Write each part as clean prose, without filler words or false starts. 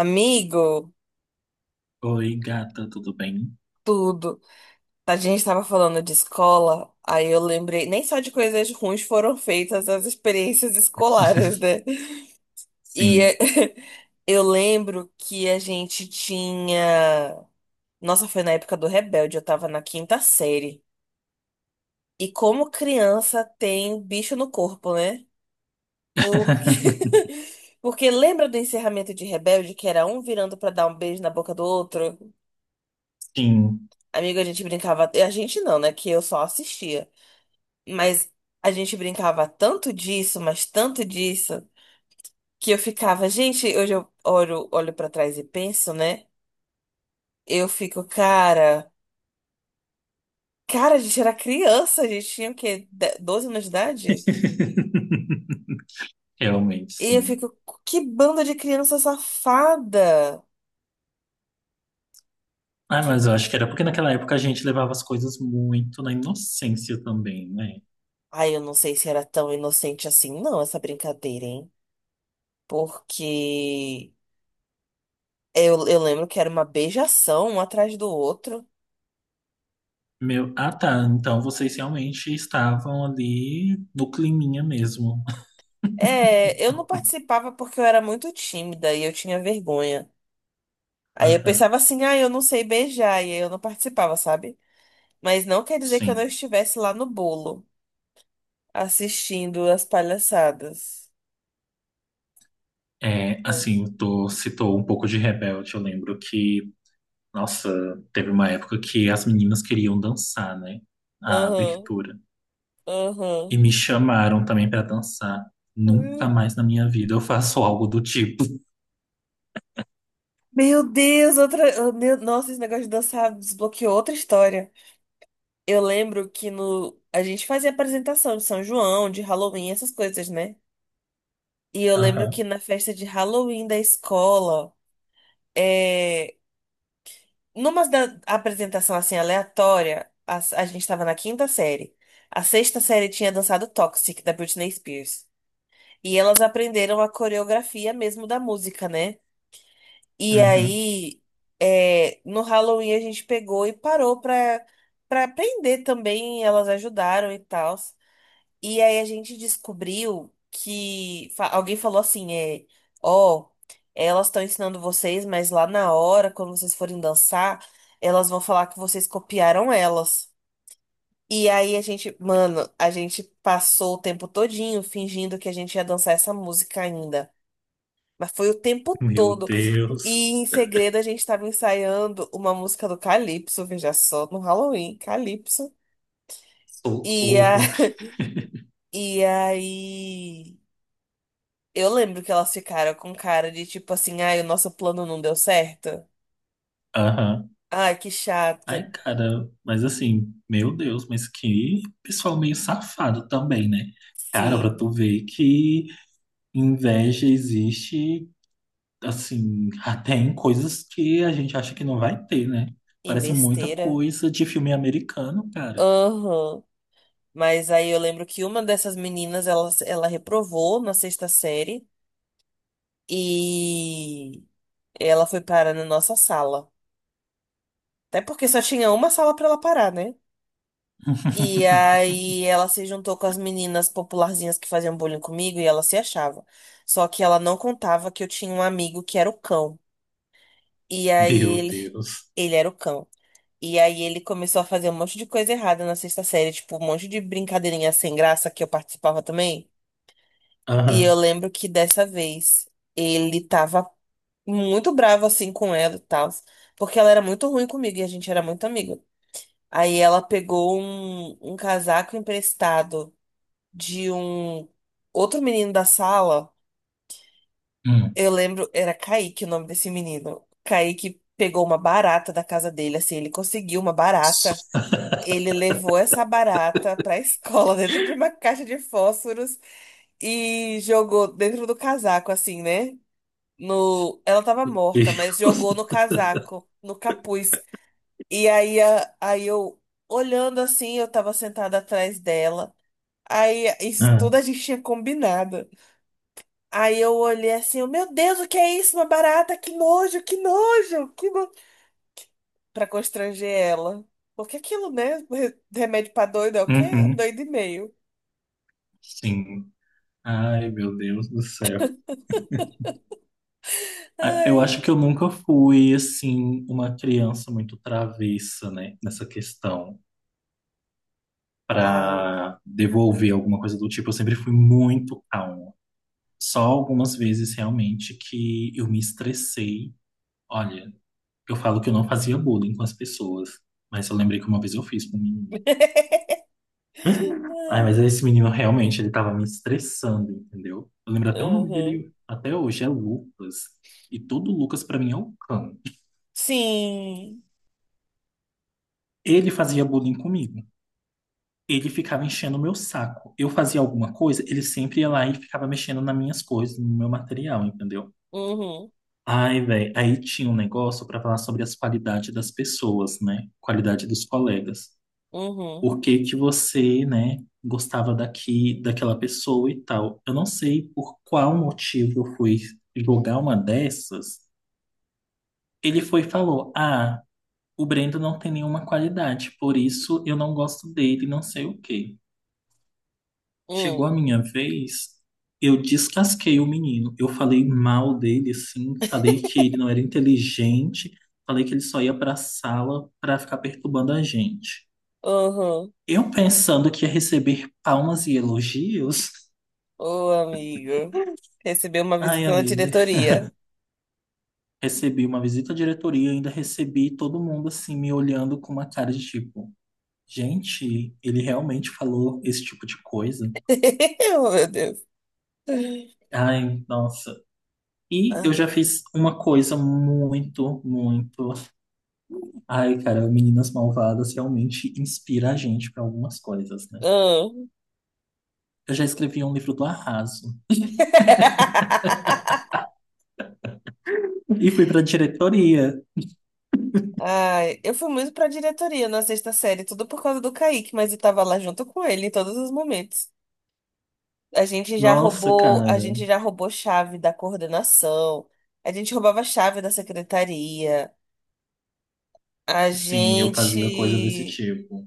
Amigo, Oi, gata, tudo bem? tudo. A gente tava falando de escola, aí eu lembrei, nem só de coisas ruins foram feitas as experiências escolares, né? E é, Sim. eu lembro que a gente tinha. Nossa, foi na época do Rebelde, eu tava na quinta série. E como criança tem bicho no corpo, né? Porque. Porque lembra do encerramento de Rebelde, que era um virando pra dar um beijo na boca do outro? Sim. Amigo, a gente brincava. A gente não, né? Que eu só assistia. Mas a gente brincava tanto disso, mas tanto disso, que eu ficava, gente, hoje eu olho, olho para trás e penso, né? Eu fico, cara, cara, a gente era criança, a gente tinha o quê? 12 anos de idade? Realmente, E eu sim. fico, que banda de criança safada! Ah, Que... mas eu acho que era porque naquela época a gente levava as coisas muito na inocência também, né? Ai, eu não sei se era tão inocente assim, não, essa brincadeira, hein? Porque eu lembro que era uma beijação um atrás do outro. Meu, ah, tá. Então vocês realmente estavam ali no climinha mesmo. É, eu não participava porque eu era muito tímida e eu tinha vergonha. Aí eu Aham, pensava assim, ah, eu não sei beijar, e aí eu não participava, sabe? Mas não quer dizer que eu não sim. estivesse lá no bolo, assistindo as palhaçadas. É, Mas, assim, tu citou um pouco de Rebelde. Eu lembro que, nossa, teve uma época que as meninas queriam dançar, né? A aham, abertura. aham. E me chamaram também pra dançar. Nunca Hum. mais na minha vida eu faço algo do tipo. Meu Deus, outra. Oh, meu, nossa, esse negócio de dançar desbloqueou outra história. Eu lembro que no. A gente fazia apresentação de São João, de Halloween, essas coisas, né? E eu lembro que Aham. na festa de Halloween da escola. É, numa da apresentação assim aleatória, a gente estava na quinta série. A sexta série tinha dançado Toxic, da Britney Spears. E elas aprenderam a coreografia mesmo da música, né? E Uhum. aí, é, no Halloween a gente pegou e parou pra, pra aprender também. Elas ajudaram e tal. E aí a gente descobriu que alguém falou assim, é, ó, elas estão ensinando vocês, mas lá na hora, quando vocês forem dançar, elas vão falar que vocês copiaram elas. E aí a gente, mano, a gente passou o tempo todinho fingindo que a gente ia dançar essa música ainda. Mas foi o tempo Meu todo. Deus. E em segredo a gente tava ensaiando uma música do Calypso, veja só, no Halloween, Calypso. E, a... Socorro. e aí. Eu lembro que elas ficaram com cara de tipo assim, ai, o nosso plano não deu certo. Aham. Ai, que chato. Ai, cara, mas assim, meu Deus, mas que pessoal meio safado também, né? Cara, pra Sim, tu ver que inveja existe, assim, até em coisas que a gente acha que não vai ter, né? em Parece muita besteira. coisa de filme americano, cara. Aham. Mas aí eu lembro que uma dessas meninas, ela reprovou na sexta série e ela foi parar na nossa sala. Até porque só tinha uma sala pra ela parar, né? E aí ela se juntou com as meninas popularzinhas que faziam bullying comigo e ela se achava. Só que ela não contava que eu tinha um amigo que era o cão. E aí Meu ele, Deus. ele era o cão. E aí ele começou a fazer um monte de coisa errada na sexta série, tipo um monte de brincadeirinha sem graça que eu participava também. E eu Aham. lembro que dessa vez ele tava muito bravo assim com ela e tal, porque ela era muito ruim comigo e a gente era muito amigo. Aí ela pegou um casaco emprestado de um outro menino da sala. Hum. Eu lembro, era Kaique o nome desse menino. Kaique pegou uma barata da casa dele, assim, ele conseguiu uma barata. Ele levou essa barata pra escola dentro de uma caixa de fósforos e jogou dentro do casaco, assim, né? No... Ela tava Meu morta, mas Deus. jogou no casaco, no capuz. E aí, aí eu, olhando assim, eu tava sentada atrás dela. Aí isso É. tudo a gente tinha combinado. Aí eu olhei assim, eu, meu Deus, o que é isso? Uma barata, que nojo, que nojo, que nojo. Pra constranger ela. Porque aquilo, né? Remédio pra doido é o quê? Um Uhum, doido e meio. sim. Ai, meu Deus do céu. Ah, eu Ai. acho que eu nunca fui, assim, uma criança muito travessa, né, nessa questão, Ai. para devolver alguma coisa do tipo. Eu sempre fui muito calma. Só algumas vezes, realmente, que eu me estressei. Olha, eu falo que eu não fazia bullying com as pessoas, mas eu lembrei que uma vez eu fiz com um menino. Ai, mas esse menino realmente, ele tava me estressando, entendeu? Eu lembro até o nome Uhum. dele até hoje, é Lucas. E todo Lucas pra mim é o cão. Sim. Ele fazia bullying comigo. Ele ficava enchendo o meu saco. Eu fazia alguma coisa, ele sempre ia lá e ficava mexendo nas minhas coisas, no meu material, entendeu? Uhum. Ai, velho, aí tinha um negócio pra falar sobre as qualidades das pessoas, né? Qualidade dos colegas. Uhum. Por que que você, né, gostava daqui, daquela pessoa e tal. Eu não sei por qual motivo eu fui jogar uma dessas. Ele foi e falou: ah, o Brendo não tem nenhuma qualidade, por isso eu não gosto dele, não sei o quê. Chegou Uhum. a minha vez, eu descasquei o menino. Eu falei mal dele, assim, falei que ele não era inteligente, falei que ele só ia pra sala pra ficar perturbando a gente. Uhum. Eu pensando que ia receber palmas e elogios. Ô, amigo. Recebeu uma Ai, visita na amiga, diretoria. recebi uma visita à diretoria, ainda recebi todo mundo assim me olhando com uma cara de tipo, gente, ele realmente falou esse tipo de coisa? Oh, meu Deus. Ai, nossa. E eu já Ah. fiz uma coisa muito, muito. Ai, cara, Meninas Malvadas realmente inspira a gente para algumas coisas, né? Ah. Eu já escrevi um livro do Arraso e fui para diretoria. Ai, eu fui muito pra diretoria na sexta série, tudo por causa do Kaique, mas eu tava lá junto com ele em todos os momentos. A gente já Nossa, roubou, a cara. gente já roubou chave da coordenação, a gente roubava chave da secretaria, a Sim, eu fazia coisa desse gente, tipo.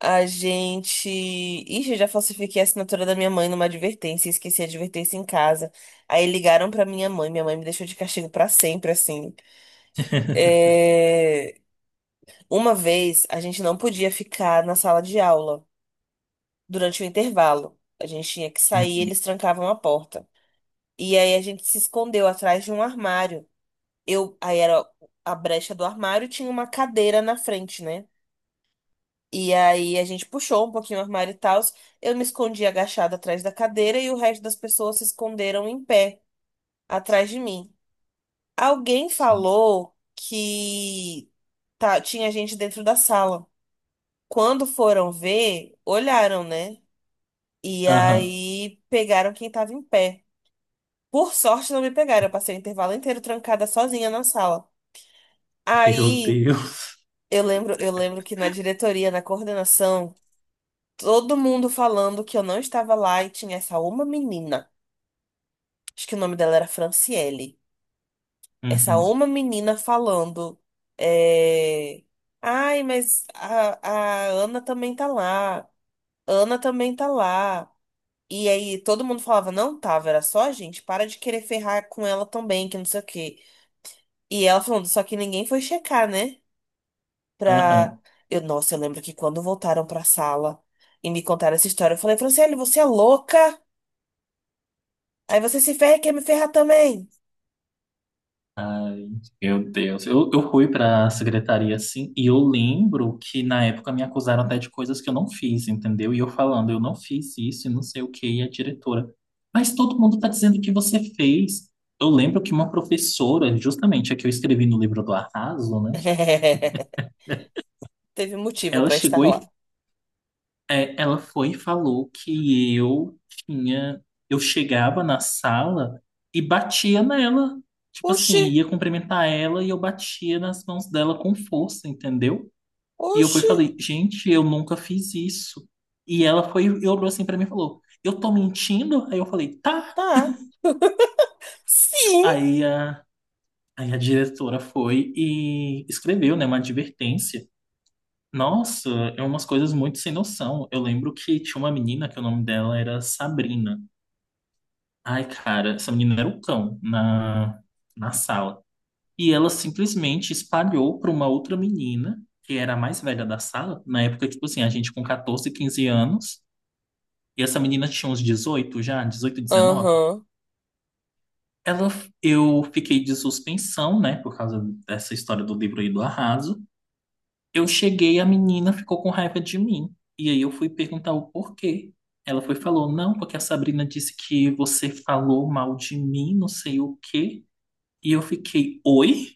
a gente, ixi, eu já falsifiquei a assinatura da minha mãe numa advertência, esqueci a advertência em casa. Aí ligaram pra minha mãe me deixou de castigo pra sempre, assim. É, uma vez a gente não podia ficar na sala de aula durante o intervalo. A gente tinha que sair, Uhum, eles trancavam a porta. E aí a gente se escondeu atrás de um armário. Eu, aí era a brecha do armário, e tinha uma cadeira na frente, né? E aí a gente puxou um pouquinho o armário e tal. Eu me escondi agachada atrás da cadeira e o resto das pessoas se esconderam em pé atrás de mim. Alguém sim. falou que tá, tinha gente dentro da sala. Quando foram ver, olharam, né? E Aham. aí pegaram quem tava em pé. Por sorte, não me pegaram. Eu passei o intervalo inteiro trancada sozinha na sala. Meu Aí, Deus. Eu lembro que na diretoria, na coordenação, todo mundo falando que eu não estava lá e tinha essa uma menina. Acho que o nome dela era Franciele. Essa Uhum, uma menina falando. É, ai, mas a Ana também tá lá. Ana também tá lá. E aí todo mundo falava, não tava, era só a gente. Para de querer ferrar com ela também, que não sei o quê. E ela falando, só que ninguém foi checar, né? Pra. aham. Eu, nossa, eu lembro que quando voltaram pra sala e me contaram essa história, eu falei, Franciele, você é louca? Aí você se ferra e quer me ferrar também. Ai, meu Deus. Eu fui pra secretaria, assim, e eu lembro que na época me acusaram até de coisas que eu não fiz, entendeu? E eu falando, eu não fiz isso e não sei o que, e a diretora. Mas todo mundo tá dizendo que você fez. Eu lembro que uma professora, justamente a que eu escrevi no livro do Arraso, né? Teve motivo Ela pra estar chegou lá. e é, ela foi e falou que eu tinha. Eu chegava na sala e batia nela. Tipo Oxi! assim, ia cumprimentar ela e eu batia nas mãos dela com força, entendeu? E eu fui e Oxi, falei, gente, eu nunca fiz isso. E ela foi e olhou assim pra mim e falou, eu tô mentindo? Aí eu falei, tá. tá. Sim. Aí a, aí a diretora foi e escreveu, né, uma advertência. Nossa, é umas coisas muito sem noção. Eu lembro que tinha uma menina que o nome dela era Sabrina. Ai, cara, essa menina era o cão na sala. E ela simplesmente espalhou para uma outra menina, que era a mais velha da sala, na época, tipo assim, a gente com 14, 15 anos, e essa menina tinha uns 18 já, 18, 19. Aham. Ela, eu fiquei de suspensão, né, por causa dessa história do livro aí do Arraso. Eu cheguei, a menina ficou com raiva de mim. E aí eu fui perguntar o porquê. Ela foi e falou, não, porque a Sabrina disse que você falou mal de mim, não sei o quê. E eu fiquei, oi?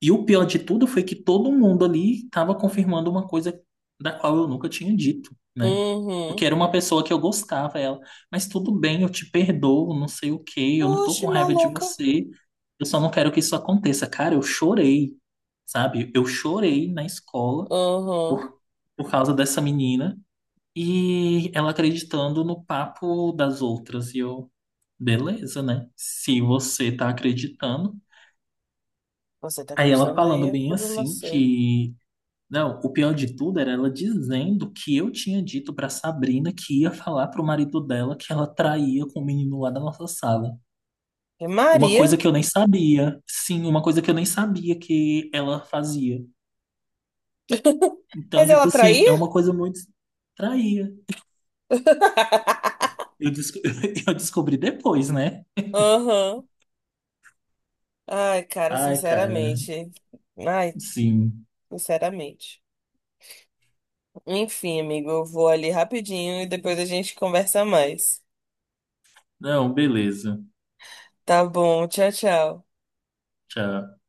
E o pior de tudo foi que todo mundo ali estava confirmando uma coisa da qual eu nunca tinha dito, né? Uhum. Porque era uma pessoa que eu gostava, ela, mas tudo bem, eu te perdoo, não sei o quê, eu não tô Oxi, com raiva de maluca. você, eu só não quero que isso aconteça. Cara, eu chorei, sabe? Eu chorei na escola Aham. por, por causa dessa menina e ela acreditando no papo das outras. E eu, beleza, né? Se você tá acreditando. Você tá Aí ela acreditando aí? falando É bem problema é assim seu. que, não, o pior de tudo era ela dizendo que eu tinha dito pra Sabrina que ia falar pro marido dela que ela traía com o menino lá da nossa sala. É Uma coisa Maria. que eu nem sabia. Sim, uma coisa que eu nem sabia que ela fazia. Então, Mas ela tipo assim, traía? é uma coisa muito traía. Eu, desco- eu descobri depois, né? Aham. Ai, cara, Ai, cara. sinceramente. Ai, Sim. sinceramente. Enfim, amigo, eu vou ali rapidinho e depois a gente conversa mais. Não, beleza. Tá bom, tchau, tchau. Tchau.